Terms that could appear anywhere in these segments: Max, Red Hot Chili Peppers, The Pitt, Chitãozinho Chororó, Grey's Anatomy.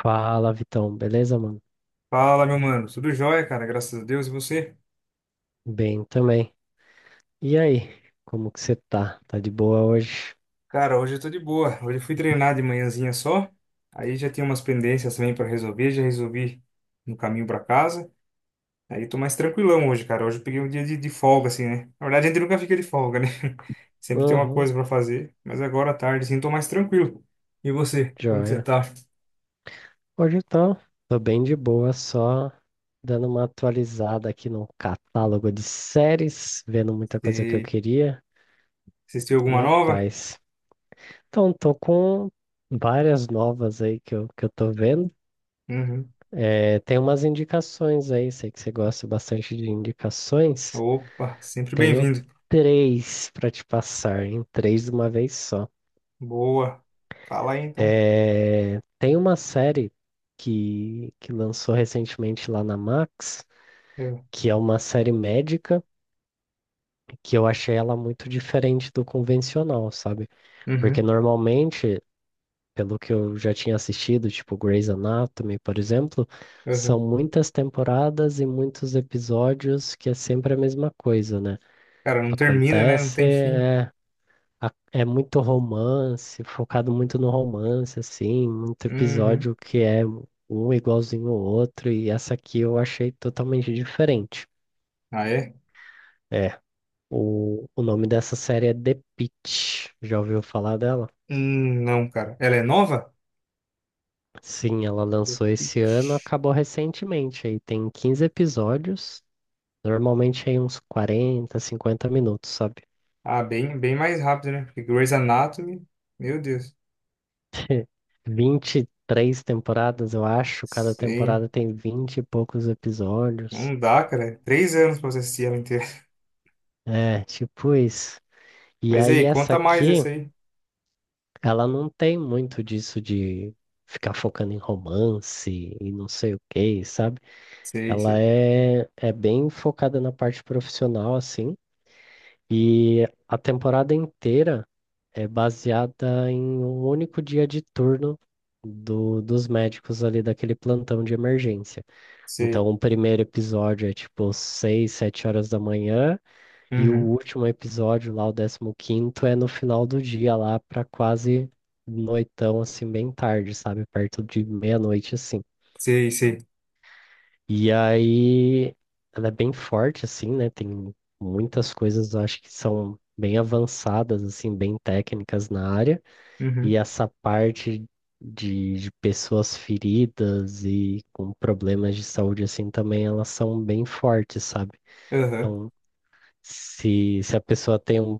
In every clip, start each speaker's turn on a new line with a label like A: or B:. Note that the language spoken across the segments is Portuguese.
A: Fala, Vitão, beleza, mano?
B: Fala, meu mano. Tudo jóia, cara. Graças a Deus. E você?
A: Bem também. E aí, como que você tá? Tá de boa hoje?
B: Cara, hoje eu tô de boa. Hoje eu fui treinar de manhãzinha só. Aí já tinha umas pendências também pra resolver. Já resolvi no caminho pra casa. Aí tô mais tranquilão hoje, cara. Hoje eu peguei um dia de folga, assim, né? Na verdade, a gente nunca fica de folga, né? Sempre tem uma
A: Uhum,
B: coisa pra fazer. Mas agora à tarde, assim, tô mais tranquilo. E você? Como que você
A: joia.
B: tá?
A: Hoje tô bem de boa, só dando uma atualizada aqui no catálogo de séries, vendo muita coisa que eu
B: Você
A: queria,
B: assistiu
A: tô
B: alguma
A: na
B: nova?
A: paz. Então, tô com várias novas aí que eu tô vendo.
B: Uhum.
A: É, tem umas indicações aí, sei que você gosta bastante de indicações.
B: Opa, sempre
A: Tenho
B: bem-vindo.
A: três para te passar, em três de uma vez só.
B: Boa. Fala aí, então.
A: É, tem uma série que lançou recentemente lá na Max,
B: Eu-
A: que é uma série médica, que eu achei ela muito diferente do convencional, sabe? Porque
B: Uhum.
A: normalmente, pelo que eu já tinha assistido, tipo Grey's Anatomy, por exemplo, são
B: Uhum.
A: muitas temporadas e muitos episódios que é sempre a mesma coisa, né?
B: Cara, não termina, né? Não
A: Acontece,
B: tem fim.
A: é muito romance, focado muito no romance, assim, muito
B: Uhum.
A: episódio que é um igualzinho ao outro, e essa aqui eu achei totalmente diferente.
B: Ah, é?
A: É, o nome dessa série é The Pitt, já ouviu falar dela?
B: Não, cara. Ela é nova?
A: Sim, ela
B: The
A: lançou esse ano,
B: Pitt.
A: acabou recentemente, aí tem 15 episódios, normalmente aí uns 40, 50 minutos, sabe?
B: Ah, bem, mais rápido, né? Porque Grey's Anatomy, meu Deus.
A: 23 temporadas, eu acho, cada
B: Sim.
A: temporada tem 20 e poucos episódios.
B: Não dá, cara. É 3 anos pra você assistir ela inteira.
A: É, tipo isso. E
B: Mas e
A: aí
B: aí,
A: essa
B: conta mais
A: aqui,
B: essa aí.
A: ela não tem muito disso de ficar focando em romance e não sei o que, sabe?
B: Sei,
A: Ela
B: sei.
A: é bem focada na parte profissional, assim, e a temporada inteira é baseada em um único dia de turno dos médicos ali daquele plantão de emergência. Então,
B: Sei.
A: o primeiro episódio é tipo 6, 7 horas da manhã, e o
B: Uhum.
A: último episódio lá, o 15º, é no final do dia lá pra quase noitão, assim, bem tarde, sabe? Perto de meia-noite, assim.
B: Sei, sei.
A: E aí, ela é bem forte, assim, né? Tem muitas coisas, eu acho que são bem avançadas, assim, bem técnicas na área. E
B: Uhum.
A: essa parte de pessoas feridas e com problemas de saúde, assim, também elas são bem fortes, sabe?
B: Aham.
A: Então, se a pessoa tem um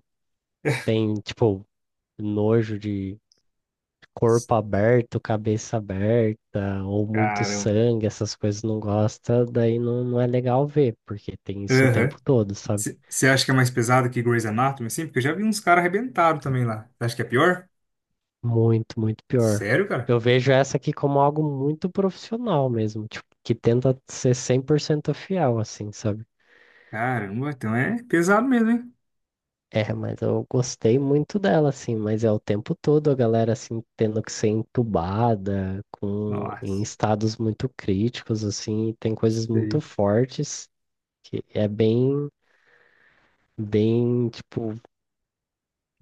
A: tem, tipo, nojo de corpo aberto, cabeça aberta, ou muito
B: Caramba.
A: sangue, essas coisas não gosta, daí não é legal ver, porque tem isso o
B: Aham.
A: tempo todo, sabe?
B: Você acha que é mais pesado que Grey's Anatomy, assim? Porque eu já vi uns caras arrebentados também lá. Você acha que é pior?
A: Muito, muito pior.
B: Sério, cara?
A: Eu vejo essa aqui como algo muito profissional mesmo, tipo, que tenta ser 100% fiel, assim, sabe?
B: Caramba, então é pesado mesmo, hein?
A: É, mas eu gostei muito dela, assim, mas é o tempo todo a galera, assim, tendo que ser entubada, com, em
B: Nossa,
A: estados muito críticos, assim, e tem coisas muito
B: sei.
A: fortes que é bem, bem, tipo,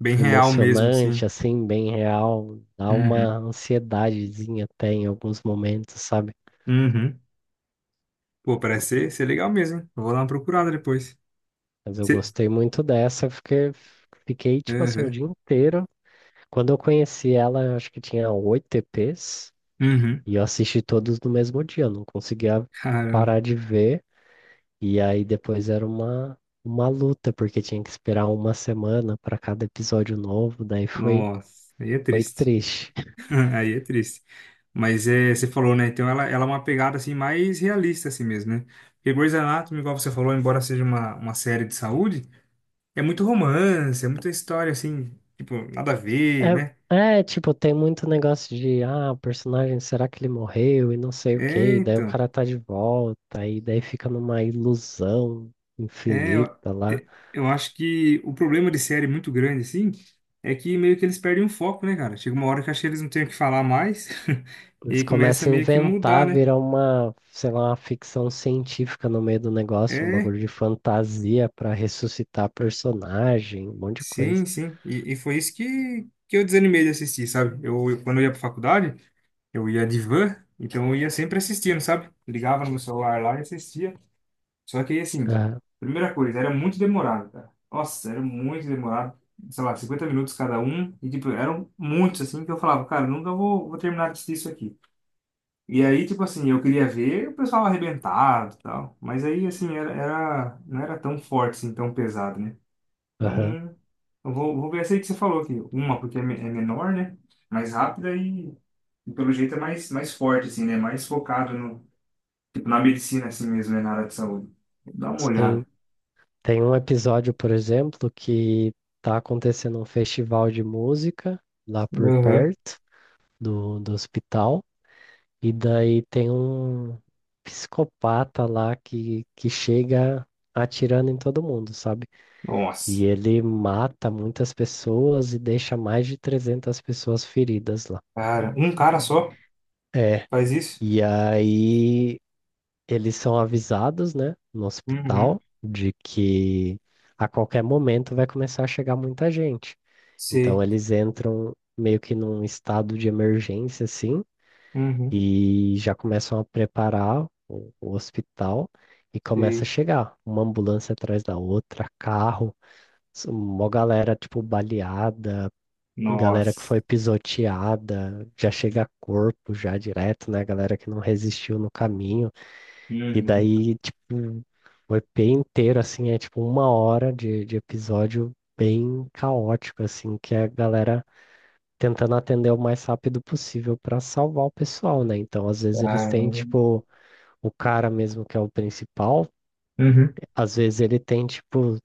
B: Bem real mesmo, assim.
A: emocionante, assim, bem real, dá uma
B: Uhum.
A: ansiedadezinha até em alguns momentos, sabe?
B: Uhum. Pô, parece ser legal mesmo, hein? Eu vou dar uma procurada depois.
A: Mas eu
B: Se...
A: gostei muito dessa, eu fiquei, tipo assim, o
B: Uhum.
A: dia inteiro. Quando eu conheci ela, eu acho que tinha oito EPs,
B: Uhum.
A: e eu assisti todos no mesmo dia, eu não conseguia
B: Caramba.
A: parar de ver, e aí depois era uma luta, porque tinha que esperar uma semana para cada episódio novo, daí foi,
B: Nossa, aí é
A: foi
B: triste.
A: triste.
B: Aí é triste. Mas é, você falou, né? Então ela é uma pegada assim mais realista assim mesmo, né? Porque Grey's Anatomy, igual você falou, embora seja uma série de saúde, é muito romance, é muita história assim, tipo, nada a ver, né?
A: É, tipo, tem muito negócio de, ah, o personagem, será que ele morreu e não sei o quê,
B: É,
A: e daí o
B: então.
A: cara tá de volta, e daí fica numa ilusão
B: É, eu,
A: infinita lá.
B: eu acho que o problema de série muito grande, assim, é que meio que eles perdem o foco, né, cara? Chega uma hora que acho que eles não têm o que falar mais e
A: Eles
B: aí começa
A: começam a
B: meio que mudar,
A: inventar,
B: né?
A: virar uma, sei lá, uma ficção científica no meio do negócio, um
B: É,
A: bagulho de fantasia pra ressuscitar personagem, um monte de
B: sim,
A: coisa.
B: sim. E foi isso que eu desanimei de assistir, sabe? Quando eu ia pra faculdade, eu ia de van, então eu ia sempre assistindo, sabe? Ligava no meu celular lá e assistia. Só que aí, assim,
A: Aham,
B: primeira coisa, era muito demorado, cara. Nossa, era muito demorado. Sei lá, 50 minutos cada um. E, tipo, eram muitos, assim, que eu falava, cara, nunca vou terminar de assistir isso aqui. E aí, tipo assim, eu queria ver o pessoal arrebentado e tal. Mas aí, assim, não era tão forte, assim, tão pesado, né?
A: aham.
B: Então, eu vou ver essa aí que você falou aqui. Uma, porque é, é menor, né? Mais rápida e, pelo jeito, é mais, mais forte, assim, né? Mais focado no, tipo, na medicina, assim mesmo, né? Na área de saúde. Dá uma
A: Sim.
B: olhada.
A: Tem um episódio, por exemplo, que tá acontecendo um festival de música lá por perto do hospital. E daí tem um psicopata lá que chega atirando em todo mundo, sabe? E
B: Nossa.
A: ele mata muitas pessoas e deixa mais de 300 pessoas feridas lá.
B: Cara, um cara só
A: É.
B: faz isso?
A: E aí eles são avisados, né, no
B: Uhum.
A: hospital, de que a qualquer momento vai começar a chegar muita gente. Então
B: Sei.
A: eles entram meio que num estado de emergência, assim,
B: Uhum.
A: e já começam a preparar o hospital e começa a
B: Sei.
A: chegar uma ambulância atrás da outra, carro, mó galera tipo baleada, galera que
B: Nossa.
A: foi pisoteada, já chega corpo já direto, né? Galera que não resistiu no caminho. E
B: Uhum.
A: daí, tipo, o EP inteiro, assim, é tipo uma hora de episódio bem caótico, assim, que a galera tentando atender o mais rápido possível para salvar o pessoal, né? Então, às vezes eles têm,
B: Caramba.
A: tipo, o cara mesmo que é o principal,
B: Uhum.
A: às vezes ele tem, tipo,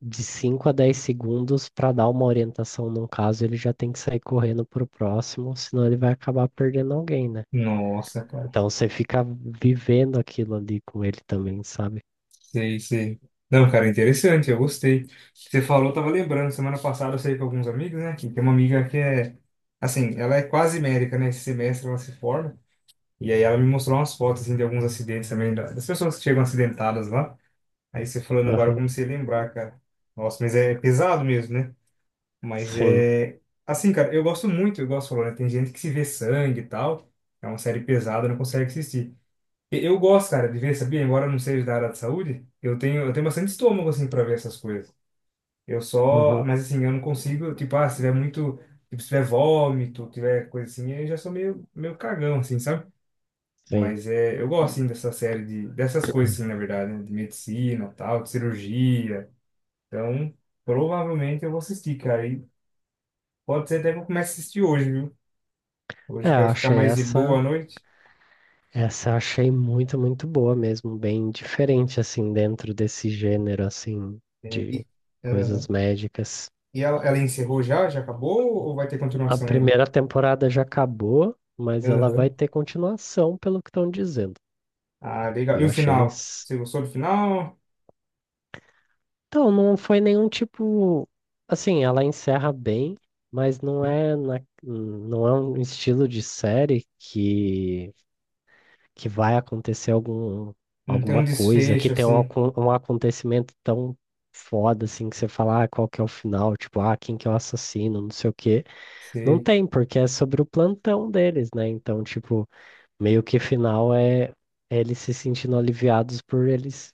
A: de 5 a 10 segundos para dar uma orientação num caso, ele já tem que sair correndo pro próximo, senão ele vai acabar perdendo alguém, né?
B: Nossa, cara.
A: Então, você fica vivendo aquilo ali com ele também, sabe?
B: Sei, sei. Não, cara, interessante, eu gostei. Você falou, eu tava lembrando, semana passada eu saí com alguns amigos, né? Que tem uma amiga que é, assim, ela é quase médica, né? Esse semestre ela se forma. E aí ela me mostrou umas fotos, assim, de alguns acidentes também, das pessoas que chegam acidentadas lá. Aí você falando agora, eu
A: Aham.
B: comecei a lembrar, cara. Nossa, mas é pesado mesmo, né? Mas
A: Sim.
B: é. Assim, cara, eu gosto muito, eu gosto, né? Tem gente que se vê sangue e tal. É uma série pesada, não consegue assistir. Eu gosto, cara, de ver, sabia? Embora eu não seja da área de saúde, eu tenho bastante estômago, assim, pra ver essas coisas. Eu só.
A: Aham.
B: Mas, assim, eu não consigo, tipo, ah, se tiver muito. Tipo, se tiver vômito, tiver coisa assim, eu já sou meio cagão, assim, sabe?
A: Sim.
B: Mas é. Eu gosto, assim, dessa série de. Dessas coisas, assim, na verdade, né? De medicina, tal, de cirurgia. Então, provavelmente eu vou assistir, cara. Pode ser até que eu comece a assistir hoje, viu?
A: É,
B: Hoje eu
A: eu
B: quero ficar
A: achei
B: mais de boa
A: essa.
B: à noite.
A: Essa eu achei muito, muito boa mesmo, bem diferente assim dentro desse gênero assim
B: E,
A: de coisas
B: aham.
A: médicas.
B: E ela encerrou já? Já acabou? Ou vai ter
A: A
B: continuação ainda?
A: primeira temporada já acabou, mas ela
B: Aham.
A: vai ter continuação, pelo que estão dizendo.
B: Ah, legal.
A: E
B: E o
A: eu achei
B: final?
A: isso.
B: Você gostou do final?
A: Então, não foi nenhum tipo assim, ela encerra bem, mas não é na não é um estilo de série que vai acontecer algum,
B: Não tem um
A: alguma coisa, que
B: desfecho,
A: tem um,
B: assim.
A: um acontecimento tão foda assim que você fala, ah, qual que é o final, tipo, ah, quem que é o assassino, não sei o quê. Não
B: Sei,
A: tem, porque é sobre o plantão deles, né? Então, tipo, meio que final é eles se sentindo aliviados por eles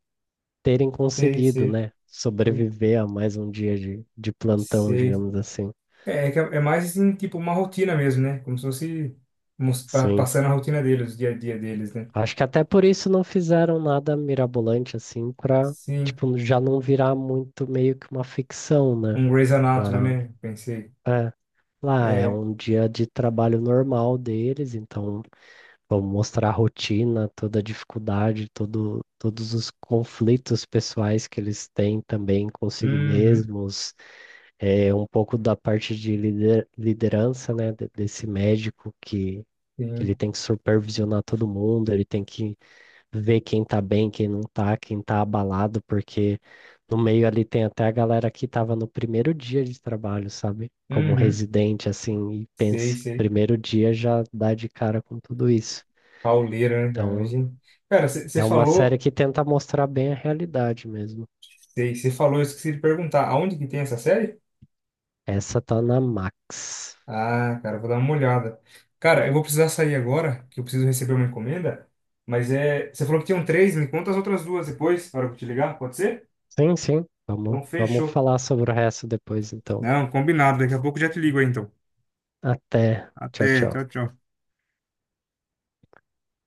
A: terem
B: sei,
A: conseguido,
B: sei,
A: né?
B: sei,
A: Sobreviver a mais um dia de plantão,
B: sei.
A: digamos assim.
B: É, é, que é mais, assim, tipo, uma rotina mesmo, né? Como se fosse
A: Sim.
B: passando a rotina deles, o dia a dia deles, né?
A: Acho que até por isso não fizeram nada mirabolante assim pra,
B: Sim.
A: tipo, já não virar muito meio que uma ficção, né?
B: Um Grey's Anatomy,
A: Lá,
B: né? Pensei.
A: é, lá é
B: É.
A: um dia de trabalho normal deles, então vamos mostrar a rotina, toda a dificuldade, todos os conflitos pessoais que eles têm também consigo
B: Uhum.
A: mesmos, é, um pouco da parte de liderança, né? Desse médico que ele
B: Sim.
A: tem que supervisionar todo mundo, ele tem que ver quem tá bem, quem não tá, quem tá abalado, porque no meio ali tem até a galera que tava no primeiro dia de trabalho, sabe? Como
B: Uhum.
A: residente, assim, e
B: Sei,
A: pense,
B: sei.
A: primeiro dia já dá de cara com tudo isso.
B: Pauleira, né, cara?
A: Então,
B: Imagina. Cara,
A: é uma série que tenta mostrar bem a realidade mesmo.
B: você falou, eu esqueci de perguntar, aonde que tem essa série?
A: Essa tá na Max.
B: Ah, cara, eu vou dar uma olhada. Cara, eu vou precisar sair agora, que eu preciso receber uma encomenda, mas é, você falou que tinham três, me conta as outras duas depois, na hora que eu te ligar, pode ser?
A: Sim, sim.
B: Então,
A: Vamos
B: fechou.
A: falar sobre o resto depois, então.
B: Não, combinado, daqui a pouco eu já te ligo aí, então.
A: Até. Tchau,
B: Até, tchau,
A: tchau.
B: tchau.